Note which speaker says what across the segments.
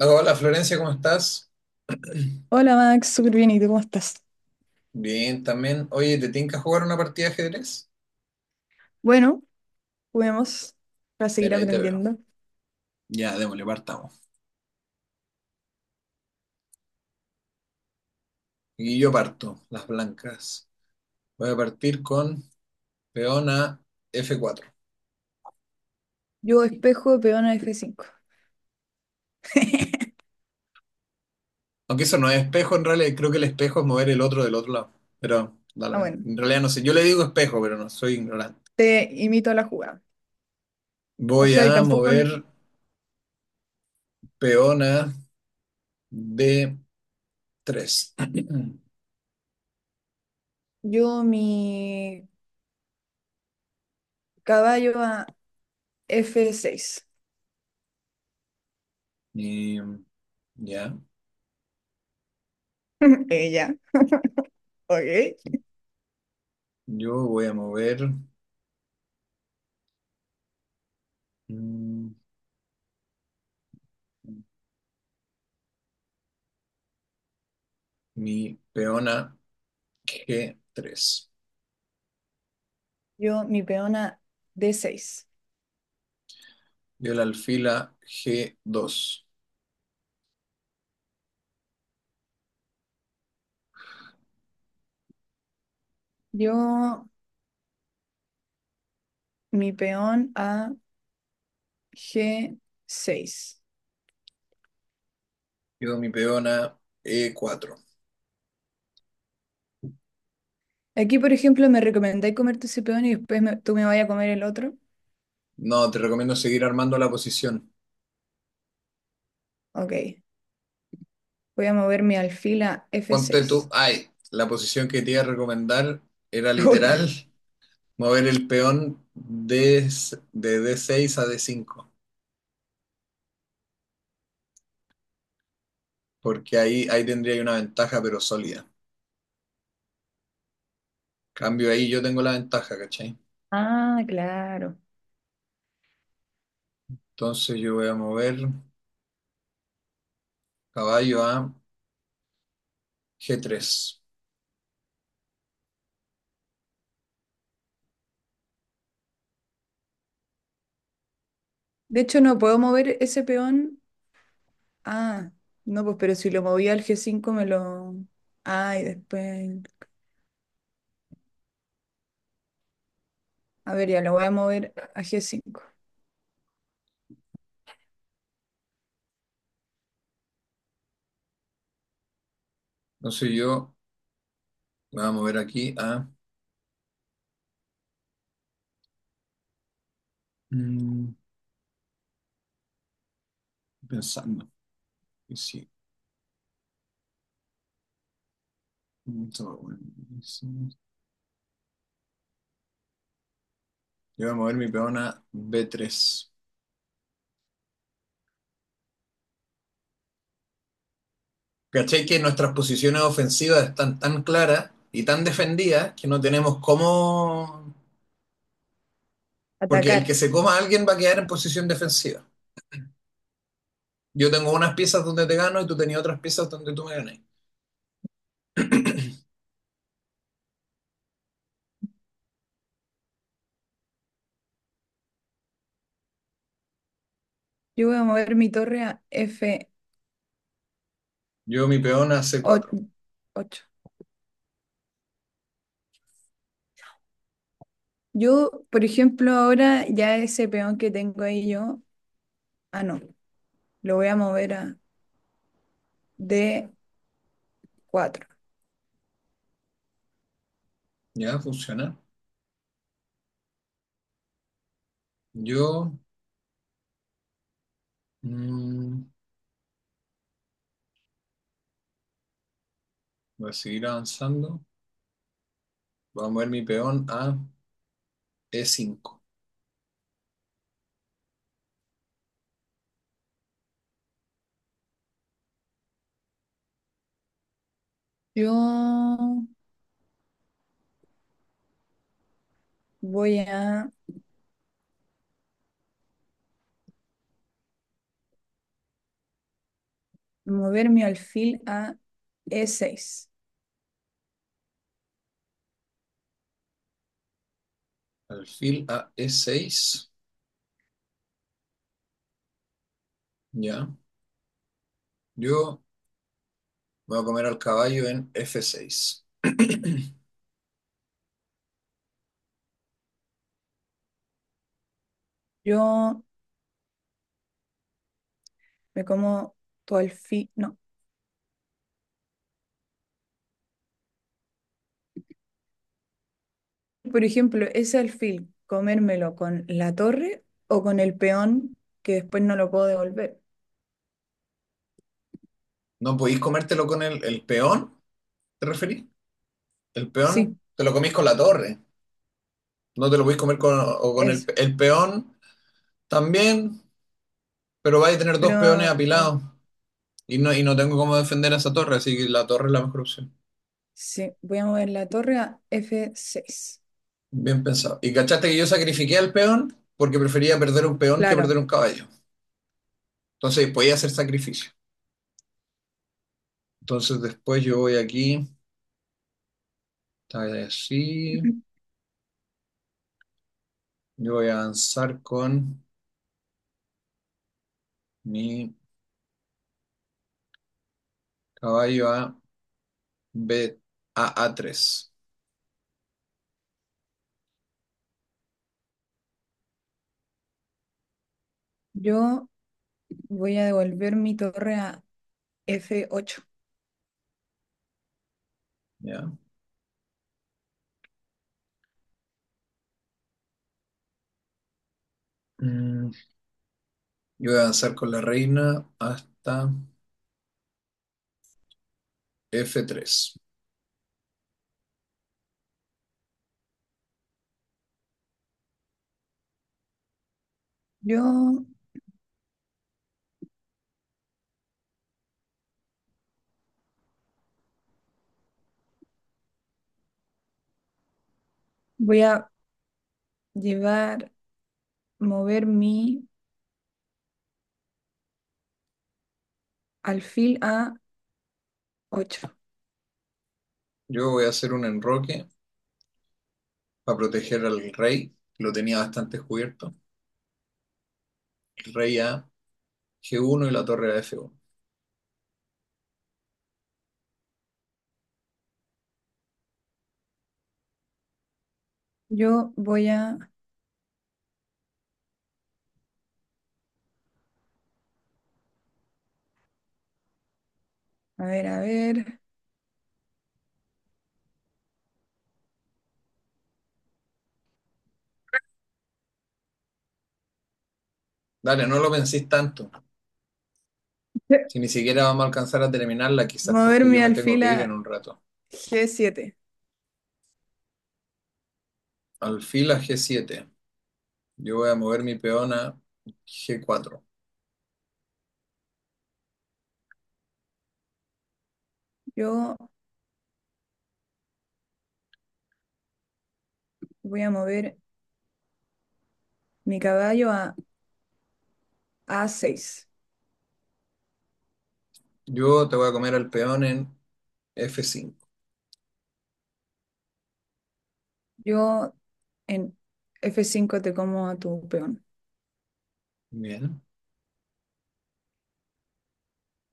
Speaker 1: Hola Florencia, ¿cómo estás?
Speaker 2: Hola Max, súper bien, ¿y tú cómo estás?
Speaker 1: Bien, también. Oye, ¿te tinca jugar una partida de ajedrez?
Speaker 2: Bueno, juguemos para seguir
Speaker 1: Mira, ahí te veo.
Speaker 2: aprendiendo.
Speaker 1: Ya, démosle, partamos. Y yo parto, las blancas. Voy a partir con peón a f4.
Speaker 2: Yo espejo, peón a F5.
Speaker 1: Aunque eso no es espejo, en realidad creo que el espejo es mover el otro del otro lado. Pero,
Speaker 2: Ah,
Speaker 1: dale,
Speaker 2: bueno,
Speaker 1: en realidad no sé. Yo le digo espejo, pero no, soy ignorante.
Speaker 2: te imito a la jugada. O
Speaker 1: Voy
Speaker 2: sea, y
Speaker 1: a
Speaker 2: tampoco n-
Speaker 1: mover peón a d3.
Speaker 2: yo mi caballo a F6.
Speaker 1: Y, ya,
Speaker 2: Ella, ok.
Speaker 1: yo voy a mover, mm, mi peona g3.
Speaker 2: Yo mi peón a D6.
Speaker 1: Dio el alfil a G2.
Speaker 2: Yo mi peón a G6.
Speaker 1: Quedó mi peona e4.
Speaker 2: Aquí, por ejemplo, me recomendáis comerte ese peón y después tú me vayas a comer el otro.
Speaker 1: No, te recomiendo seguir armando la posición.
Speaker 2: Ok. Voy a mover mi alfil a
Speaker 1: Ponte tú,
Speaker 2: F6.
Speaker 1: ay, la posición que te iba a recomendar era
Speaker 2: Puta.
Speaker 1: literal mover el peón de d6 a d5, porque ahí tendría una ventaja, pero sólida. Cambio ahí, yo tengo la ventaja, ¿cachai?
Speaker 2: Ah, claro.
Speaker 1: Entonces yo voy a mover caballo a g3.
Speaker 2: De hecho, no puedo mover ese peón. Ah, no, pues, pero si lo moví al G5 me lo. Ah, y después. A ver, ya lo voy a mover a G5.
Speaker 1: Entonces yo voy a mover aquí a... Mm, pensando. Y sí, mucho, bueno, eso. Yo voy a mover mi peona B3. ¿Cachai que nuestras posiciones ofensivas están tan claras y tan defendidas que no tenemos cómo... Porque
Speaker 2: Atacar.
Speaker 1: el que se coma a alguien va a quedar en posición defensiva. Yo tengo unas piezas donde te gano y tú tenías otras piezas donde tú me ganas.
Speaker 2: Yo voy a mover mi torre a F8.
Speaker 1: Yo mi peona C4.
Speaker 2: Yo, por ejemplo, ahora ya ese peón que tengo ahí yo. Ah, no. Lo voy a mover a D4.
Speaker 1: Ya, funciona. Yo, mm, voy a seguir avanzando. Voy a mover mi peón a E5.
Speaker 2: Yo voy a mover mi alfil a E6.
Speaker 1: Alfil a E6. Ya. Yo voy a comer al caballo en F6.
Speaker 2: Yo me como tu alfil. No. Por ejemplo, ese alfil, comérmelo con la torre o con el peón que después no lo puedo devolver.
Speaker 1: ¿No podéis comértelo con el peón? ¿Te referís? El peón
Speaker 2: Sí,
Speaker 1: te lo comís con la torre. No te lo podéis comer con, o con el,
Speaker 2: eso.
Speaker 1: el peón también, pero vais a tener
Speaker 2: Pero
Speaker 1: dos peones
Speaker 2: ah,
Speaker 1: apilados. Y no tengo cómo defender a esa torre, así que la torre es la mejor opción.
Speaker 2: sí, voy a mover la torre a F6.
Speaker 1: Bien pensado. ¿Y cachaste que yo sacrifiqué al peón? Porque prefería perder un peón que perder
Speaker 2: Claro.
Speaker 1: un caballo. Entonces podía hacer sacrificio. Entonces después yo voy aquí, está así. Yo voy a avanzar con mi caballo a B, a A3.
Speaker 2: Yo voy a devolver mi torre a F8.
Speaker 1: ¿Ya? Mm, yo voy a avanzar con la reina hasta f3.
Speaker 2: Yo voy a llevar, mover mi alfil a ocho.
Speaker 1: Yo voy a hacer un enroque para proteger al rey, que lo tenía bastante cubierto. El rey a g1 y la torre a f1.
Speaker 2: Yo voy a ver,
Speaker 1: Dale, no lo penséis tanto. Si ni siquiera vamos a alcanzar a terminarla, quizás
Speaker 2: mover
Speaker 1: porque
Speaker 2: mi
Speaker 1: yo me tengo
Speaker 2: alfil
Speaker 1: que
Speaker 2: a
Speaker 1: ir en un rato.
Speaker 2: G7.
Speaker 1: Alfil a g7. Yo voy a mover mi peón a g4.
Speaker 2: Yo voy a mover mi caballo a A6.
Speaker 1: Yo te voy a comer al peón en f5.
Speaker 2: Yo en F5 te como a tu peón.
Speaker 1: Bien.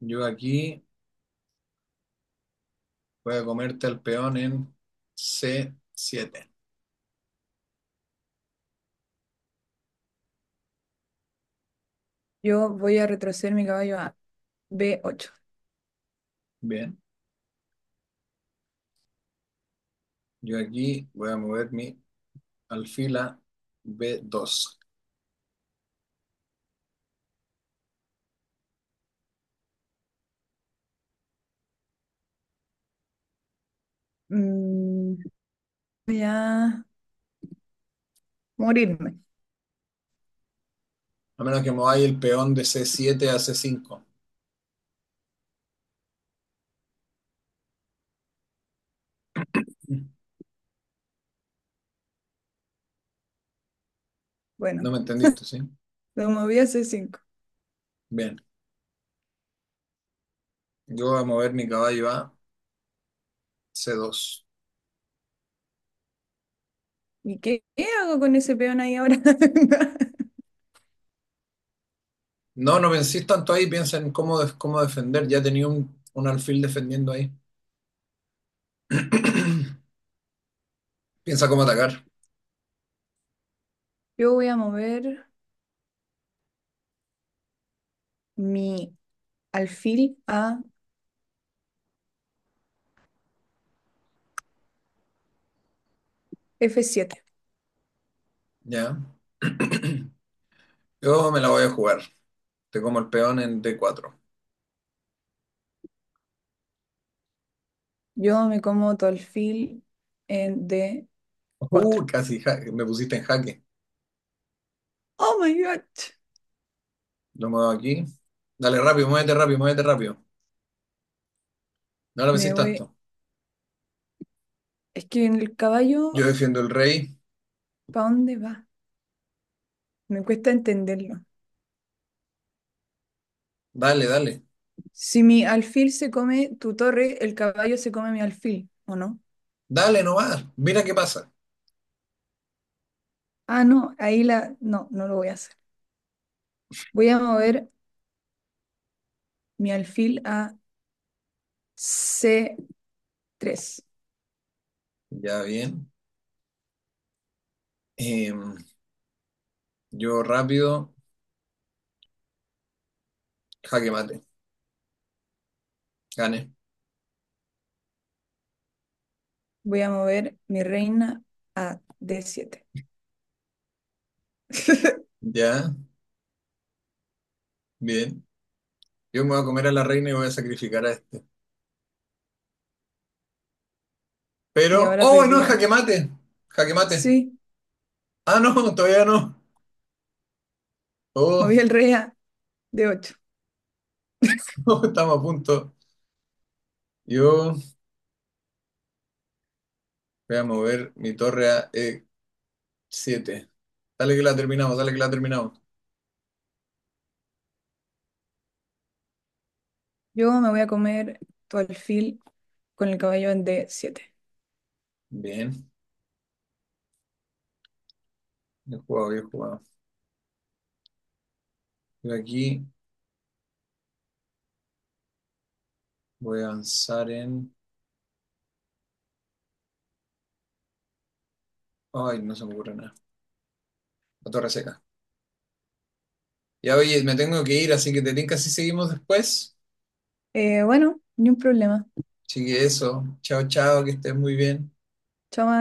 Speaker 1: Yo aquí voy a comerte al peón en c7.
Speaker 2: Yo voy a retroceder mi caballo a B8.
Speaker 1: Bien. Yo aquí voy a mover mi alfil a b2.
Speaker 2: Mm, voy a morirme.
Speaker 1: A menos que mováis el peón de c7 a c5.
Speaker 2: Bueno,
Speaker 1: No me entendiste, ¿sí?
Speaker 2: lo moví a C5.
Speaker 1: Bien. Yo voy a mover mi caballo a c2.
Speaker 2: ¿Y qué hago con ese peón ahí ahora?
Speaker 1: No, no penséis tanto ahí, piensa en cómo, cómo defender. Ya tenía un alfil defendiendo ahí. Piensa cómo atacar.
Speaker 2: Yo voy a mover mi alfil a F7.
Speaker 1: Ya. Yo me la voy a jugar. Te como el peón en D4.
Speaker 2: Yo me como todo el fil en de cuatro.
Speaker 1: Casi me pusiste en jaque.
Speaker 2: ¡Oh, my God!
Speaker 1: Lo muevo aquí. Dale rápido, muévete rápido, muévete rápido. No lo
Speaker 2: Me
Speaker 1: pensís tanto.
Speaker 2: voy. Es que en el
Speaker 1: Yo
Speaker 2: caballo,
Speaker 1: defiendo el rey.
Speaker 2: ¿para dónde va? Me cuesta entenderlo.
Speaker 1: Dale, dale.
Speaker 2: Si mi alfil se come tu torre, el caballo se come mi alfil, ¿o no?
Speaker 1: Dale nomás. Mira qué pasa.
Speaker 2: Ah, no, ahí la. No, no lo voy a hacer. Voy a mover mi alfil a C3.
Speaker 1: Ya, bien. Em, yo rápido. Jaque mate. Gane.
Speaker 2: Voy a mover mi reina a D7.
Speaker 1: Ya, bien. Yo me voy a comer a la reina y voy a sacrificar a este.
Speaker 2: Y
Speaker 1: Pero...
Speaker 2: ahora
Speaker 1: ¡Oh,
Speaker 2: perdí,
Speaker 1: no!
Speaker 2: ¿o
Speaker 1: Jaque
Speaker 2: no?
Speaker 1: mate. Jaque mate.
Speaker 2: Sí,
Speaker 1: Ah, no, todavía no. Oh,
Speaker 2: moví el rey a D8.
Speaker 1: no, estamos a punto. Yo. Voy a mover mi torre a e7. Dale que la terminamos, dale que la terminamos.
Speaker 2: Yo me voy a comer tu alfil con el cabello en D7.
Speaker 1: Bien, bien jugado, bien jugado. Yo aquí voy a avanzar en... Ay, no se me ocurre nada. La torre seca. Ya, oye, me tengo que ir, así que te tinca si seguimos después.
Speaker 2: Bueno, ni un problema.
Speaker 1: Así que eso. Chao, chao, que estés muy bien.
Speaker 2: Chao,